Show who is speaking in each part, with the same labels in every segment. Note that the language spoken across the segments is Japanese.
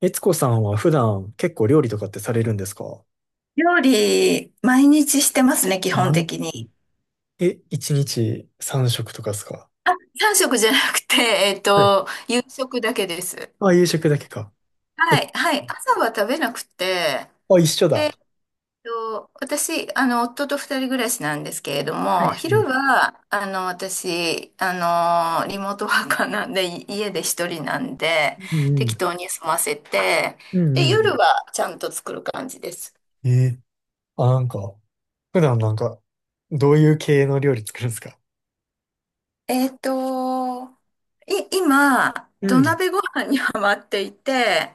Speaker 1: 悦子さんは普段結構料理とかってされるんですか？
Speaker 2: 料理、毎日してますね、基本
Speaker 1: 毎
Speaker 2: 的に。
Speaker 1: 日。え、1日3食とかですか？
Speaker 2: 3食じゃなくて、
Speaker 1: はい。
Speaker 2: 夕食だけです。
Speaker 1: あ、夕食だけか。え、
Speaker 2: はい、はい。朝は食べなくて、
Speaker 1: あ、一緒
Speaker 2: で、
Speaker 1: だ。
Speaker 2: 私、夫と二人暮らしなんですけれど
Speaker 1: はい。
Speaker 2: も、
Speaker 1: は
Speaker 2: 昼
Speaker 1: い。
Speaker 2: は、私、リモートワーカーなんで、い家で一人なんで、
Speaker 1: うんう
Speaker 2: 適
Speaker 1: ん。
Speaker 2: 当に済ませて、
Speaker 1: う
Speaker 2: で、
Speaker 1: ん
Speaker 2: 夜
Speaker 1: う
Speaker 2: はちゃんと作る感じです。
Speaker 1: ん。えー、あ、なんか、普段なんか、どういう系の料理作るんですか？
Speaker 2: えっと、今、
Speaker 1: う
Speaker 2: 土
Speaker 1: ん。
Speaker 2: 鍋ご飯にハマっていて、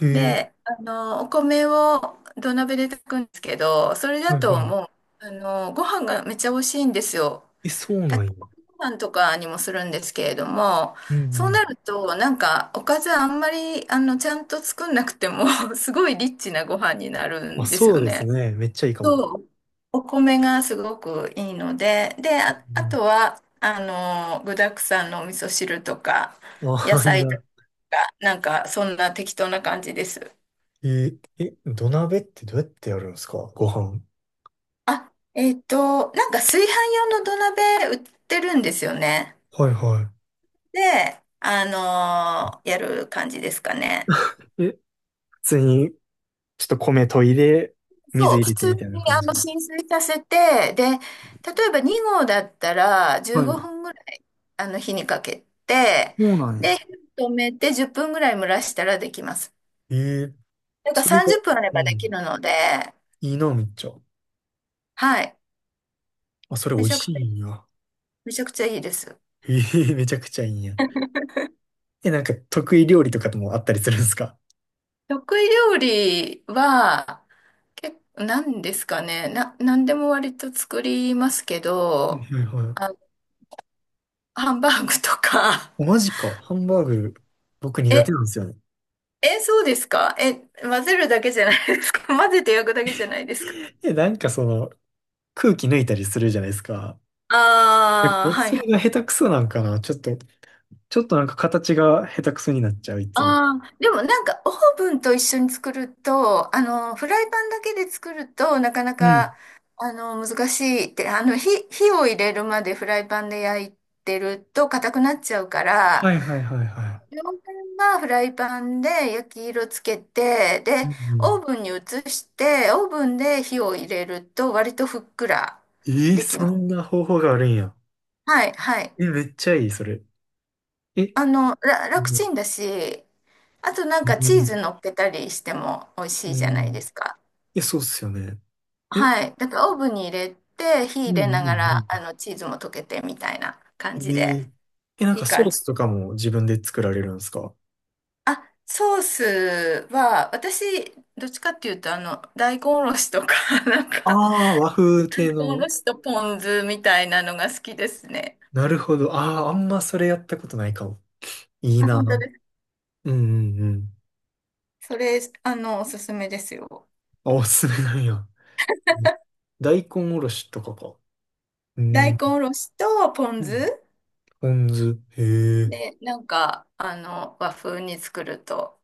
Speaker 1: へえ、
Speaker 2: で、お米を土鍋で炊くんですけど、それ
Speaker 1: は
Speaker 2: だ
Speaker 1: い
Speaker 2: と
Speaker 1: はい。
Speaker 2: もう、ご飯がめっちゃ美味しいんですよ。
Speaker 1: え、そうな
Speaker 2: 炊
Speaker 1: ん
Speaker 2: き
Speaker 1: や。
Speaker 2: 込みご飯とかにもするんですけれども、
Speaker 1: うん
Speaker 2: そう
Speaker 1: う
Speaker 2: な
Speaker 1: ん。
Speaker 2: ると、なんか、おかずあんまり、ちゃんと作んなくても すごいリッチなご飯になる
Speaker 1: あ、
Speaker 2: んです
Speaker 1: そ
Speaker 2: よ
Speaker 1: うです
Speaker 2: ね。
Speaker 1: ね。めっちゃいいかも。
Speaker 2: そう、お米がすごくいいので、で、
Speaker 1: う
Speaker 2: あ、あ
Speaker 1: ん。
Speaker 2: とは、具沢山のお味噌汁とか、野
Speaker 1: あ、いい
Speaker 2: 菜と
Speaker 1: な。
Speaker 2: か、なんか、そんな適当な感じです。
Speaker 1: えー、え、土鍋ってどうやってやるんですかご飯。
Speaker 2: あ、なんか炊飯用の土鍋売ってるんですよね。
Speaker 1: はいは
Speaker 2: で、やる感じですかね。
Speaker 1: い。え、普通に、ちょっと米研いで、水
Speaker 2: そう、
Speaker 1: 入れ
Speaker 2: 普
Speaker 1: て
Speaker 2: 通
Speaker 1: み
Speaker 2: に
Speaker 1: たいな感じで。
Speaker 2: 浸水させて、で、例えば2合だったら
Speaker 1: は
Speaker 2: 15
Speaker 1: い。
Speaker 2: 分ぐらい火にかけて、
Speaker 1: そうなん
Speaker 2: で、
Speaker 1: や。
Speaker 2: 火を止めて10分ぐらい蒸らしたらできます。
Speaker 1: ええ、
Speaker 2: だから
Speaker 1: それが、
Speaker 2: 30分あれ
Speaker 1: う
Speaker 2: ばでき
Speaker 1: ん、
Speaker 2: るので、
Speaker 1: いいな、めっちゃ。
Speaker 2: はい。
Speaker 1: あ、それ美
Speaker 2: め
Speaker 1: 味
Speaker 2: ちゃくち
Speaker 1: しいん
Speaker 2: ゃ、
Speaker 1: や。
Speaker 2: めちゃくちゃいいです。
Speaker 1: ええ、 めちゃくちゃいいんや。え、なんか得意料理とかともあったりするんですか？
Speaker 2: 得意料理は、結構、なんですかね。なんでも割と作りますけど、
Speaker 1: はいは
Speaker 2: あ、
Speaker 1: い。
Speaker 2: ハンバーグとか。
Speaker 1: おマジか。ハンバーグ、僕苦手
Speaker 2: え、
Speaker 1: なんですよね。
Speaker 2: そうですか混ぜるだけじゃないですか？ 混ぜて焼くだけじゃないですか？
Speaker 1: え、なんかその、空気抜いたりするじゃないですか。え、
Speaker 2: ああはい
Speaker 1: そ
Speaker 2: は
Speaker 1: れが
Speaker 2: い。
Speaker 1: 下手くそなんかな。ちょっとなんか形が下手くそになっちゃう、いつも。
Speaker 2: ああ、でもなんかオーブンと一緒に作ると、フライパンだけで作るとなかな
Speaker 1: うん。
Speaker 2: か、難しいって、火を入れるまでフライパンで焼いてると硬くなっちゃうから、
Speaker 1: はいはいはいは
Speaker 2: 両面はフライパンで焼き色つけて、
Speaker 1: い。う
Speaker 2: で、
Speaker 1: んう
Speaker 2: オ
Speaker 1: ん、
Speaker 2: ーブンに移して、オーブンで火を入れると割とふっくら
Speaker 1: えー、
Speaker 2: でき
Speaker 1: そ
Speaker 2: ま
Speaker 1: ん
Speaker 2: す。
Speaker 1: な方法があるんや。
Speaker 2: はい、はい。
Speaker 1: え、めっちゃいい、それ。え、う
Speaker 2: 楽
Speaker 1: ん、
Speaker 2: ちんだし、あとなん
Speaker 1: う
Speaker 2: かチー
Speaker 1: ん、
Speaker 2: ズ乗っけたりしても美味しい
Speaker 1: う
Speaker 2: じゃないで
Speaker 1: ん、
Speaker 2: すか。
Speaker 1: え、そうっすよね。え、
Speaker 2: はい。だからオーブンに入れて、火
Speaker 1: う
Speaker 2: 入
Speaker 1: ん、
Speaker 2: れな
Speaker 1: う
Speaker 2: が
Speaker 1: ん、
Speaker 2: ら、チーズも溶けてみたいな感
Speaker 1: うん。
Speaker 2: じ
Speaker 1: え
Speaker 2: で、
Speaker 1: ー、え、なん
Speaker 2: い
Speaker 1: か
Speaker 2: い
Speaker 1: ソー
Speaker 2: 感じ。
Speaker 1: スとかも自分で作られるんですか？
Speaker 2: あ、ソースは、私、どっちかっていうと、大根おろしとか、なんか、
Speaker 1: ああー、和風系
Speaker 2: おろ
Speaker 1: の。
Speaker 2: しとポン酢みたいなのが好きですね。
Speaker 1: なるほど。ああ、あんまそれやったことないかも。いい
Speaker 2: あ、
Speaker 1: な。う
Speaker 2: 本当で
Speaker 1: ん、
Speaker 2: す。
Speaker 1: うん、うん。
Speaker 2: それ、おすすめですよ。
Speaker 1: あ、おすすめなんや。うん、大根おろしとかか。う
Speaker 2: 大
Speaker 1: ん。
Speaker 2: 根おろしとポン
Speaker 1: うん、
Speaker 2: 酢。
Speaker 1: ポン酢。へえ。
Speaker 2: で、なんか、和風に作ると、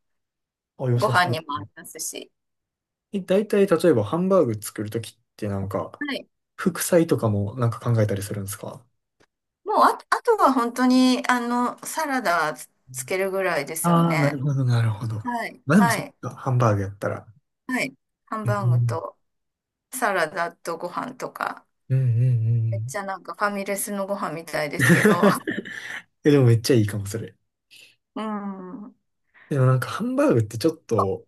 Speaker 1: あ、良
Speaker 2: ご
Speaker 1: さ
Speaker 2: 飯
Speaker 1: そう。
Speaker 2: にも合いますし。
Speaker 1: え、大体、例えばハンバーグ作るときってなんか、
Speaker 2: はい。
Speaker 1: 副菜とかもなんか考えたりするんですか？
Speaker 2: もうあ、あとは本当に、サラダつけるぐらいですよ
Speaker 1: ああー、なる
Speaker 2: ね。
Speaker 1: ほど、なるほど。
Speaker 2: はい。
Speaker 1: まあでも
Speaker 2: は
Speaker 1: そっ
Speaker 2: い。
Speaker 1: か、ハンバーグやったら。
Speaker 2: はい。ハン
Speaker 1: う
Speaker 2: バーグ
Speaker 1: ん
Speaker 2: とサラダとご飯とか。
Speaker 1: うんう
Speaker 2: めっち
Speaker 1: ん
Speaker 2: ゃなんかファミレスのご飯みたいで
Speaker 1: うん。
Speaker 2: すけど。
Speaker 1: え、でもめっちゃいいかも、それ。
Speaker 2: うん。
Speaker 1: でもなんかハンバーグってちょっと、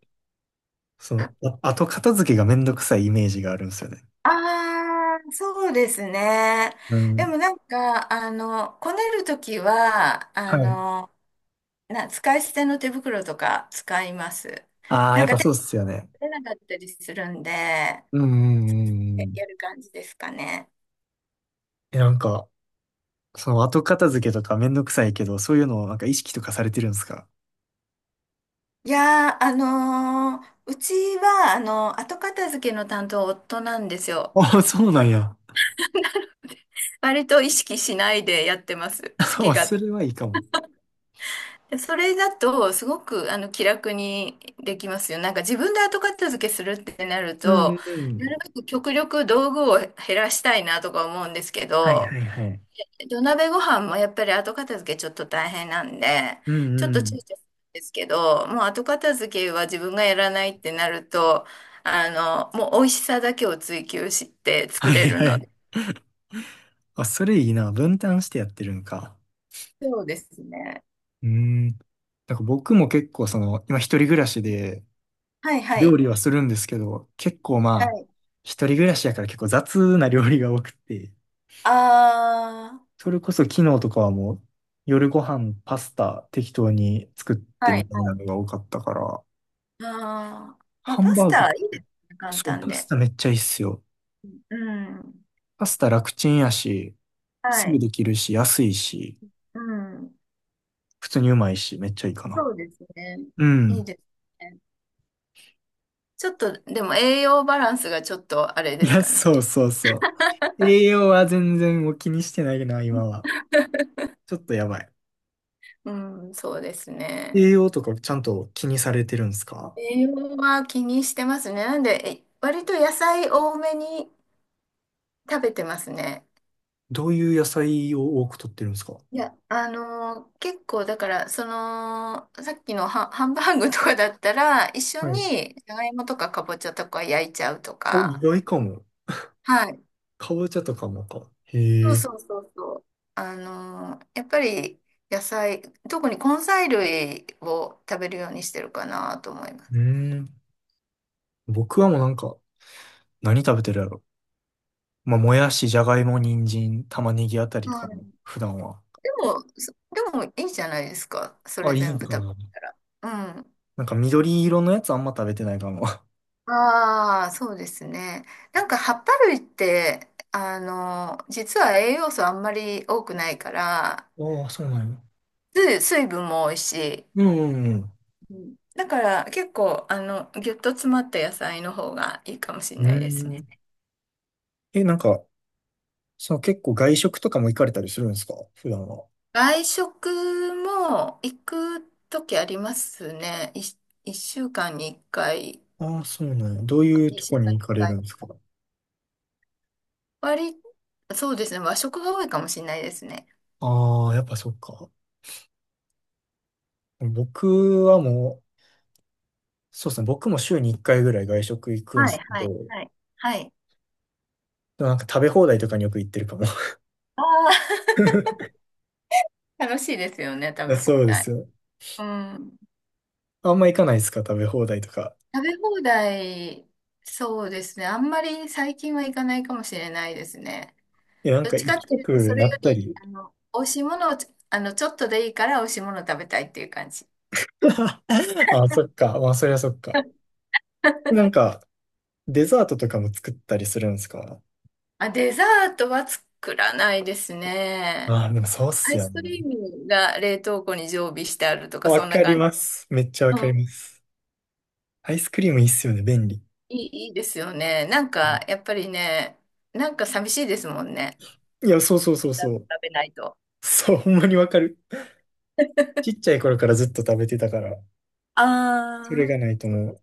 Speaker 1: その、あ、後片付けがめんどくさいイメージがあるんですよね。
Speaker 2: ああ、そうですね。
Speaker 1: う
Speaker 2: で
Speaker 1: ん。
Speaker 2: もなんか、こねるときは、
Speaker 1: はい。
Speaker 2: 使い捨ての手袋とか使います。
Speaker 1: ああ、
Speaker 2: な
Speaker 1: や
Speaker 2: ん
Speaker 1: っ
Speaker 2: か
Speaker 1: ぱ
Speaker 2: 手
Speaker 1: そ
Speaker 2: が
Speaker 1: うっすよね。
Speaker 2: 出なかったりするんで、や
Speaker 1: うんうんうんうん。
Speaker 2: る感じですかね。
Speaker 1: え、なんか、その後片付けとかめんどくさいけど、そういうのをなんか意識とかされてるんですか？
Speaker 2: いやー、うちは、後片付けの担当夫なんです
Speaker 1: あ
Speaker 2: よ。
Speaker 1: あー、そうなんや。
Speaker 2: 割と意識しないでやってます。好 き
Speaker 1: あ、そ
Speaker 2: 勝
Speaker 1: れはいいかも。
Speaker 2: でそれだと、すごく、気楽にできますよ。なんか自分で後片付けするってなる
Speaker 1: うんう
Speaker 2: と、
Speaker 1: んう
Speaker 2: な
Speaker 1: ん。
Speaker 2: るべく極力道具を減らしたいなとか思うんですけ
Speaker 1: はい
Speaker 2: ど、
Speaker 1: はいはい。
Speaker 2: 土鍋ご飯もやっぱり後片付けちょっと大変なんで、
Speaker 1: う
Speaker 2: ちょ
Speaker 1: ん
Speaker 2: っと
Speaker 1: う
Speaker 2: 躊躇
Speaker 1: ん。
Speaker 2: するんですけど、もう後片付けは自分がやらないってなると、あもう美味しさだけを追求して
Speaker 1: は
Speaker 2: 作れ
Speaker 1: い
Speaker 2: る
Speaker 1: は
Speaker 2: の
Speaker 1: い。
Speaker 2: で。
Speaker 1: あ、それいいな。分担してやってるんか。
Speaker 2: そうですね。
Speaker 1: うーん。なんか僕も結構その、今一人暮らしで
Speaker 2: はいは
Speaker 1: 料
Speaker 2: い。
Speaker 1: 理はするんですけど、結構
Speaker 2: は
Speaker 1: まあ、
Speaker 2: い。
Speaker 1: 一人暮らしやから結構雑な料理が多くて、
Speaker 2: あ
Speaker 1: それこそ昨日とかはもう夜ご飯パスタ適当に作っ
Speaker 2: あ
Speaker 1: て
Speaker 2: は
Speaker 1: み
Speaker 2: い
Speaker 1: たみ
Speaker 2: は
Speaker 1: たい
Speaker 2: い。
Speaker 1: なのが多かったから、
Speaker 2: ああ、まあ、
Speaker 1: ハン
Speaker 2: パス
Speaker 1: バー
Speaker 2: タ
Speaker 1: グ、
Speaker 2: いいですね、簡
Speaker 1: そう、
Speaker 2: 単
Speaker 1: パス
Speaker 2: で。
Speaker 1: タめっちゃいいっすよ。
Speaker 2: うん。
Speaker 1: パスタ楽ちんやし、す
Speaker 2: は
Speaker 1: ぐ
Speaker 2: い。
Speaker 1: できるし、安いし、
Speaker 2: うん。
Speaker 1: 普通にうまいし、めっちゃいいかな。
Speaker 2: そうですね。
Speaker 1: う
Speaker 2: いい
Speaker 1: ん。
Speaker 2: ですね。ちょっと、でも栄養バランスがちょっとあれ
Speaker 1: い
Speaker 2: です
Speaker 1: や、
Speaker 2: かね。
Speaker 1: そうそうそう。栄養は全然もう気にしてないな、今は。ちょっとやばい。
Speaker 2: うん、そうですね。
Speaker 1: 栄養とかちゃんと気にされてるんですか？
Speaker 2: 栄養は気にしてますね。なんで、割と野菜多めに食べてますね。
Speaker 1: どういう野菜を多く取ってるんですか？
Speaker 2: いや、結構だから、その、さっきのハンバーグとかだったら、一緒
Speaker 1: はい。
Speaker 2: にじゃがいもとかかぼちゃとか焼いちゃうと
Speaker 1: お、意
Speaker 2: か、
Speaker 1: 外かも。
Speaker 2: はい
Speaker 1: かぼちゃとかもか。
Speaker 2: そ
Speaker 1: へ
Speaker 2: う
Speaker 1: え。
Speaker 2: そうそうそう。やっぱり野菜、特に根菜類を食べるようにしてるかなと思いま
Speaker 1: う
Speaker 2: す。
Speaker 1: ーん。僕はもうなんか、何食べてるやろ。まあ、もやし、じゃがいも、人参、玉ねぎあたりか
Speaker 2: う
Speaker 1: も。
Speaker 2: ん。
Speaker 1: 普段は。
Speaker 2: でも、そでもいいじゃないですか。そ
Speaker 1: あ、
Speaker 2: れ
Speaker 1: いい
Speaker 2: 全
Speaker 1: ん
Speaker 2: 部
Speaker 1: か
Speaker 2: 食べ
Speaker 1: な。
Speaker 2: たら。うん。
Speaker 1: なんか緑色のやつあんま食べてないかも。
Speaker 2: ああ、そうですね。なんか葉っぱ類って、実は栄養素あんまり多くないから、
Speaker 1: ああ、そうなんや。
Speaker 2: 水分も多いし、
Speaker 1: うんうん
Speaker 2: うんだから結構、ぎゅっと詰まった野菜の方がいいかもしれ
Speaker 1: う
Speaker 2: ないです
Speaker 1: ん。うー
Speaker 2: ね。
Speaker 1: ん。え、なんか、そう、結構外食とかも行かれたりするんですか普段は。
Speaker 2: 外食も行くときありますね。1週間に1回、
Speaker 1: ああ、そうなんや。どういうと
Speaker 2: 二
Speaker 1: こ
Speaker 2: 週間
Speaker 1: に行
Speaker 2: に
Speaker 1: かれ
Speaker 2: 一
Speaker 1: る
Speaker 2: 回
Speaker 1: んで
Speaker 2: と
Speaker 1: す
Speaker 2: か。
Speaker 1: か？
Speaker 2: 割り、そうですね。和食が多いかもしれないですね。
Speaker 1: ああ、やっぱそっか。僕はもう、そうですね。僕も週に1回ぐらい外食行くんで
Speaker 2: は
Speaker 1: す
Speaker 2: い、
Speaker 1: け
Speaker 2: はい、
Speaker 1: ど、
Speaker 2: はい、はい。
Speaker 1: でもなんか食べ放題とかによく行ってるかも。
Speaker 2: ああ、楽しいですよね。食
Speaker 1: だ
Speaker 2: べ
Speaker 1: そ
Speaker 2: 放
Speaker 1: うで
Speaker 2: 題。
Speaker 1: すよ。
Speaker 2: うん。
Speaker 1: あんま行かないですか食べ放題とか。
Speaker 2: 食べ放題、そうですね。あんまり最近は行かないかもしれないですね。
Speaker 1: いや、なん
Speaker 2: どっ
Speaker 1: か
Speaker 2: ち
Speaker 1: 行
Speaker 2: かっ
Speaker 1: き
Speaker 2: て
Speaker 1: た
Speaker 2: いうと、そ
Speaker 1: く
Speaker 2: れ
Speaker 1: な
Speaker 2: よ
Speaker 1: った
Speaker 2: り、
Speaker 1: り。
Speaker 2: 美味しいものを、ちょっとでいいから美味しいものを食べたいっていう感じ。
Speaker 1: ああ、そっか。まあ、そりゃそっか。なんか、デザートとかも作ったりするんですか？
Speaker 2: あ、デザートは作らないですね。
Speaker 1: ああ、でもそうっ
Speaker 2: ア
Speaker 1: す
Speaker 2: イ
Speaker 1: よ
Speaker 2: スク
Speaker 1: ね。
Speaker 2: リームが冷凍庫に常備してあるとか、
Speaker 1: わ
Speaker 2: そんな
Speaker 1: かり
Speaker 2: 感じ。
Speaker 1: ます。めっちゃわ
Speaker 2: う
Speaker 1: かりま
Speaker 2: ん、
Speaker 1: す。アイスクリームいいっすよね、便利。
Speaker 2: いい、いいですよね。なん
Speaker 1: う
Speaker 2: か、
Speaker 1: ん、
Speaker 2: やっぱりね、なんか寂しいですもんね。
Speaker 1: いや、そうそうそう
Speaker 2: デザー
Speaker 1: そ
Speaker 2: ト
Speaker 1: う。
Speaker 2: 食べないと。
Speaker 1: そう、ほんまにわかる。ちっちゃい頃からずっと食べてたから、
Speaker 2: あ
Speaker 1: それがな
Speaker 2: あ。
Speaker 1: いともう。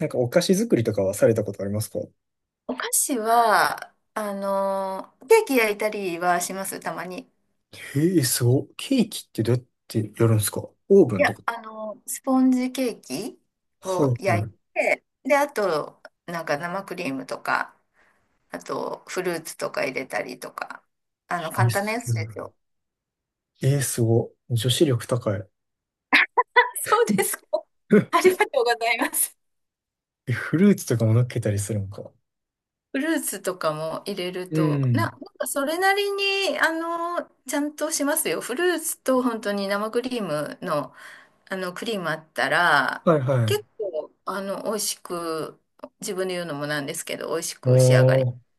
Speaker 1: なんかお菓子作りとかはされたことありますか？
Speaker 2: お菓子は、ケーキ焼いたりはします、たまに。
Speaker 1: へえ、すごいケーキってどうやってやるんですか？オーブ
Speaker 2: い
Speaker 1: ンと
Speaker 2: や、
Speaker 1: か。
Speaker 2: スポンジケーキ
Speaker 1: は
Speaker 2: を
Speaker 1: い、
Speaker 2: 焼
Speaker 1: は
Speaker 2: いて、で、あと、なんか生クリームとか、あと、フルーツとか入れたりとか。
Speaker 1: い。え、
Speaker 2: 簡単な
Speaker 1: す
Speaker 2: や
Speaker 1: ご
Speaker 2: つ
Speaker 1: い、
Speaker 2: ですよ。
Speaker 1: えー、すごい女子力高い。
Speaker 2: そうですか。あり がとうございます。
Speaker 1: え、フルーツとかも乗っけたりするんか。
Speaker 2: フルーツとかも入れる
Speaker 1: う
Speaker 2: と、なん
Speaker 1: ん。
Speaker 2: かそれなりに、ちゃんとしますよ。フルーツと本当に生クリームの、クリームあったら、
Speaker 1: はいは
Speaker 2: 結構、美味しく、自分で言うのもなんですけど、美味し
Speaker 1: い。
Speaker 2: く仕上がり
Speaker 1: お
Speaker 2: ま
Speaker 1: ー、
Speaker 2: す。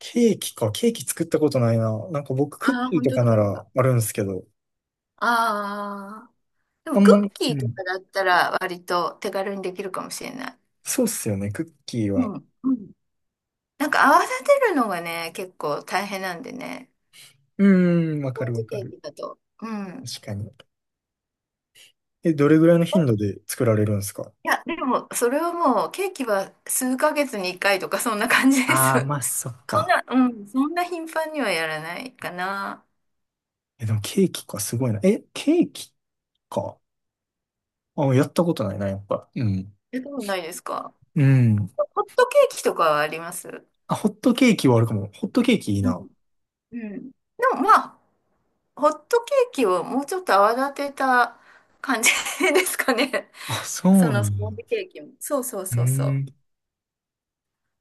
Speaker 1: ケーキか。ケーキ作ったことないな。なんか僕、クッ
Speaker 2: ああ、
Speaker 1: キー
Speaker 2: 本
Speaker 1: と
Speaker 2: 当
Speaker 1: か
Speaker 2: だ。
Speaker 1: ならあるんですけど、
Speaker 2: ああ。で
Speaker 1: あ
Speaker 2: も、
Speaker 1: んま、
Speaker 2: クッ
Speaker 1: う
Speaker 2: キーと
Speaker 1: ん。
Speaker 2: かだったら、割と手軽にできるかもしれない。
Speaker 1: そうっすよね。クッキー
Speaker 2: う
Speaker 1: は。
Speaker 2: ん。うんなんか泡立てるのがね、結構大変なんでね。
Speaker 1: うーん、わ
Speaker 2: ス
Speaker 1: か
Speaker 2: ポン
Speaker 1: るわ
Speaker 2: ジ
Speaker 1: か
Speaker 2: ケー
Speaker 1: る。
Speaker 2: キだと。うん。
Speaker 1: 確かに。え、どれぐらいの頻
Speaker 2: え
Speaker 1: 度で作られるんですか？
Speaker 2: いや、でも、それはもう、ケーキは数ヶ月に1回とか、そんな感じです。
Speaker 1: あ
Speaker 2: そ
Speaker 1: あ、
Speaker 2: ん
Speaker 1: まあ、そっか。
Speaker 2: な、うん、そんな頻繁にはやらないかな。
Speaker 1: え、でもケーキか、すごいな。え、ケーキか。あ、やったことないな、やっぱ。うん。
Speaker 2: やったことないですか？
Speaker 1: うん。
Speaker 2: ホットケーキとかはあります？
Speaker 1: あ、ホットケーキはあるかも。ホットケーキいい
Speaker 2: うん。
Speaker 1: な。
Speaker 2: うん。でも、まあ、ホットケーキをもうちょっと泡立てた感じ ですかね。
Speaker 1: あ、そ
Speaker 2: そ
Speaker 1: うな
Speaker 2: の
Speaker 1: ん
Speaker 2: スポ
Speaker 1: や。
Speaker 2: ンジケーキも。そうそう
Speaker 1: う
Speaker 2: そうそ
Speaker 1: ん。
Speaker 2: う。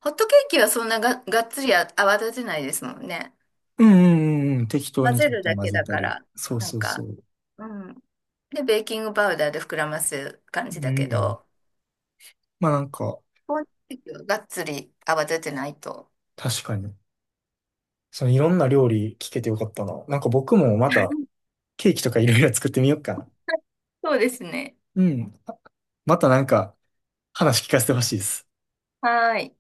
Speaker 2: ホットケーキはそんながっつり泡立てないですもんね。
Speaker 1: うんうんうんうん。適当
Speaker 2: 混
Speaker 1: にち
Speaker 2: ぜ
Speaker 1: ょっ
Speaker 2: る
Speaker 1: と
Speaker 2: だ
Speaker 1: 混
Speaker 2: け
Speaker 1: ぜ
Speaker 2: だ
Speaker 1: た
Speaker 2: か
Speaker 1: り。
Speaker 2: ら、
Speaker 1: そう
Speaker 2: なん
Speaker 1: そうそ
Speaker 2: か、
Speaker 1: う。
Speaker 2: うん。で、ベーキングパウダーで膨らます感
Speaker 1: う
Speaker 2: じだけ
Speaker 1: ん。
Speaker 2: ど、
Speaker 1: まあなんか、
Speaker 2: スポンジケーキはがっつり泡立てないと。
Speaker 1: 確かに。そのいろんな料理聞けてよかったな。なんか僕もまたケーキとかいろいろ作ってみようかな。
Speaker 2: そうですね。
Speaker 1: うん。またなんか話聞かせてほしいです。
Speaker 2: はーい。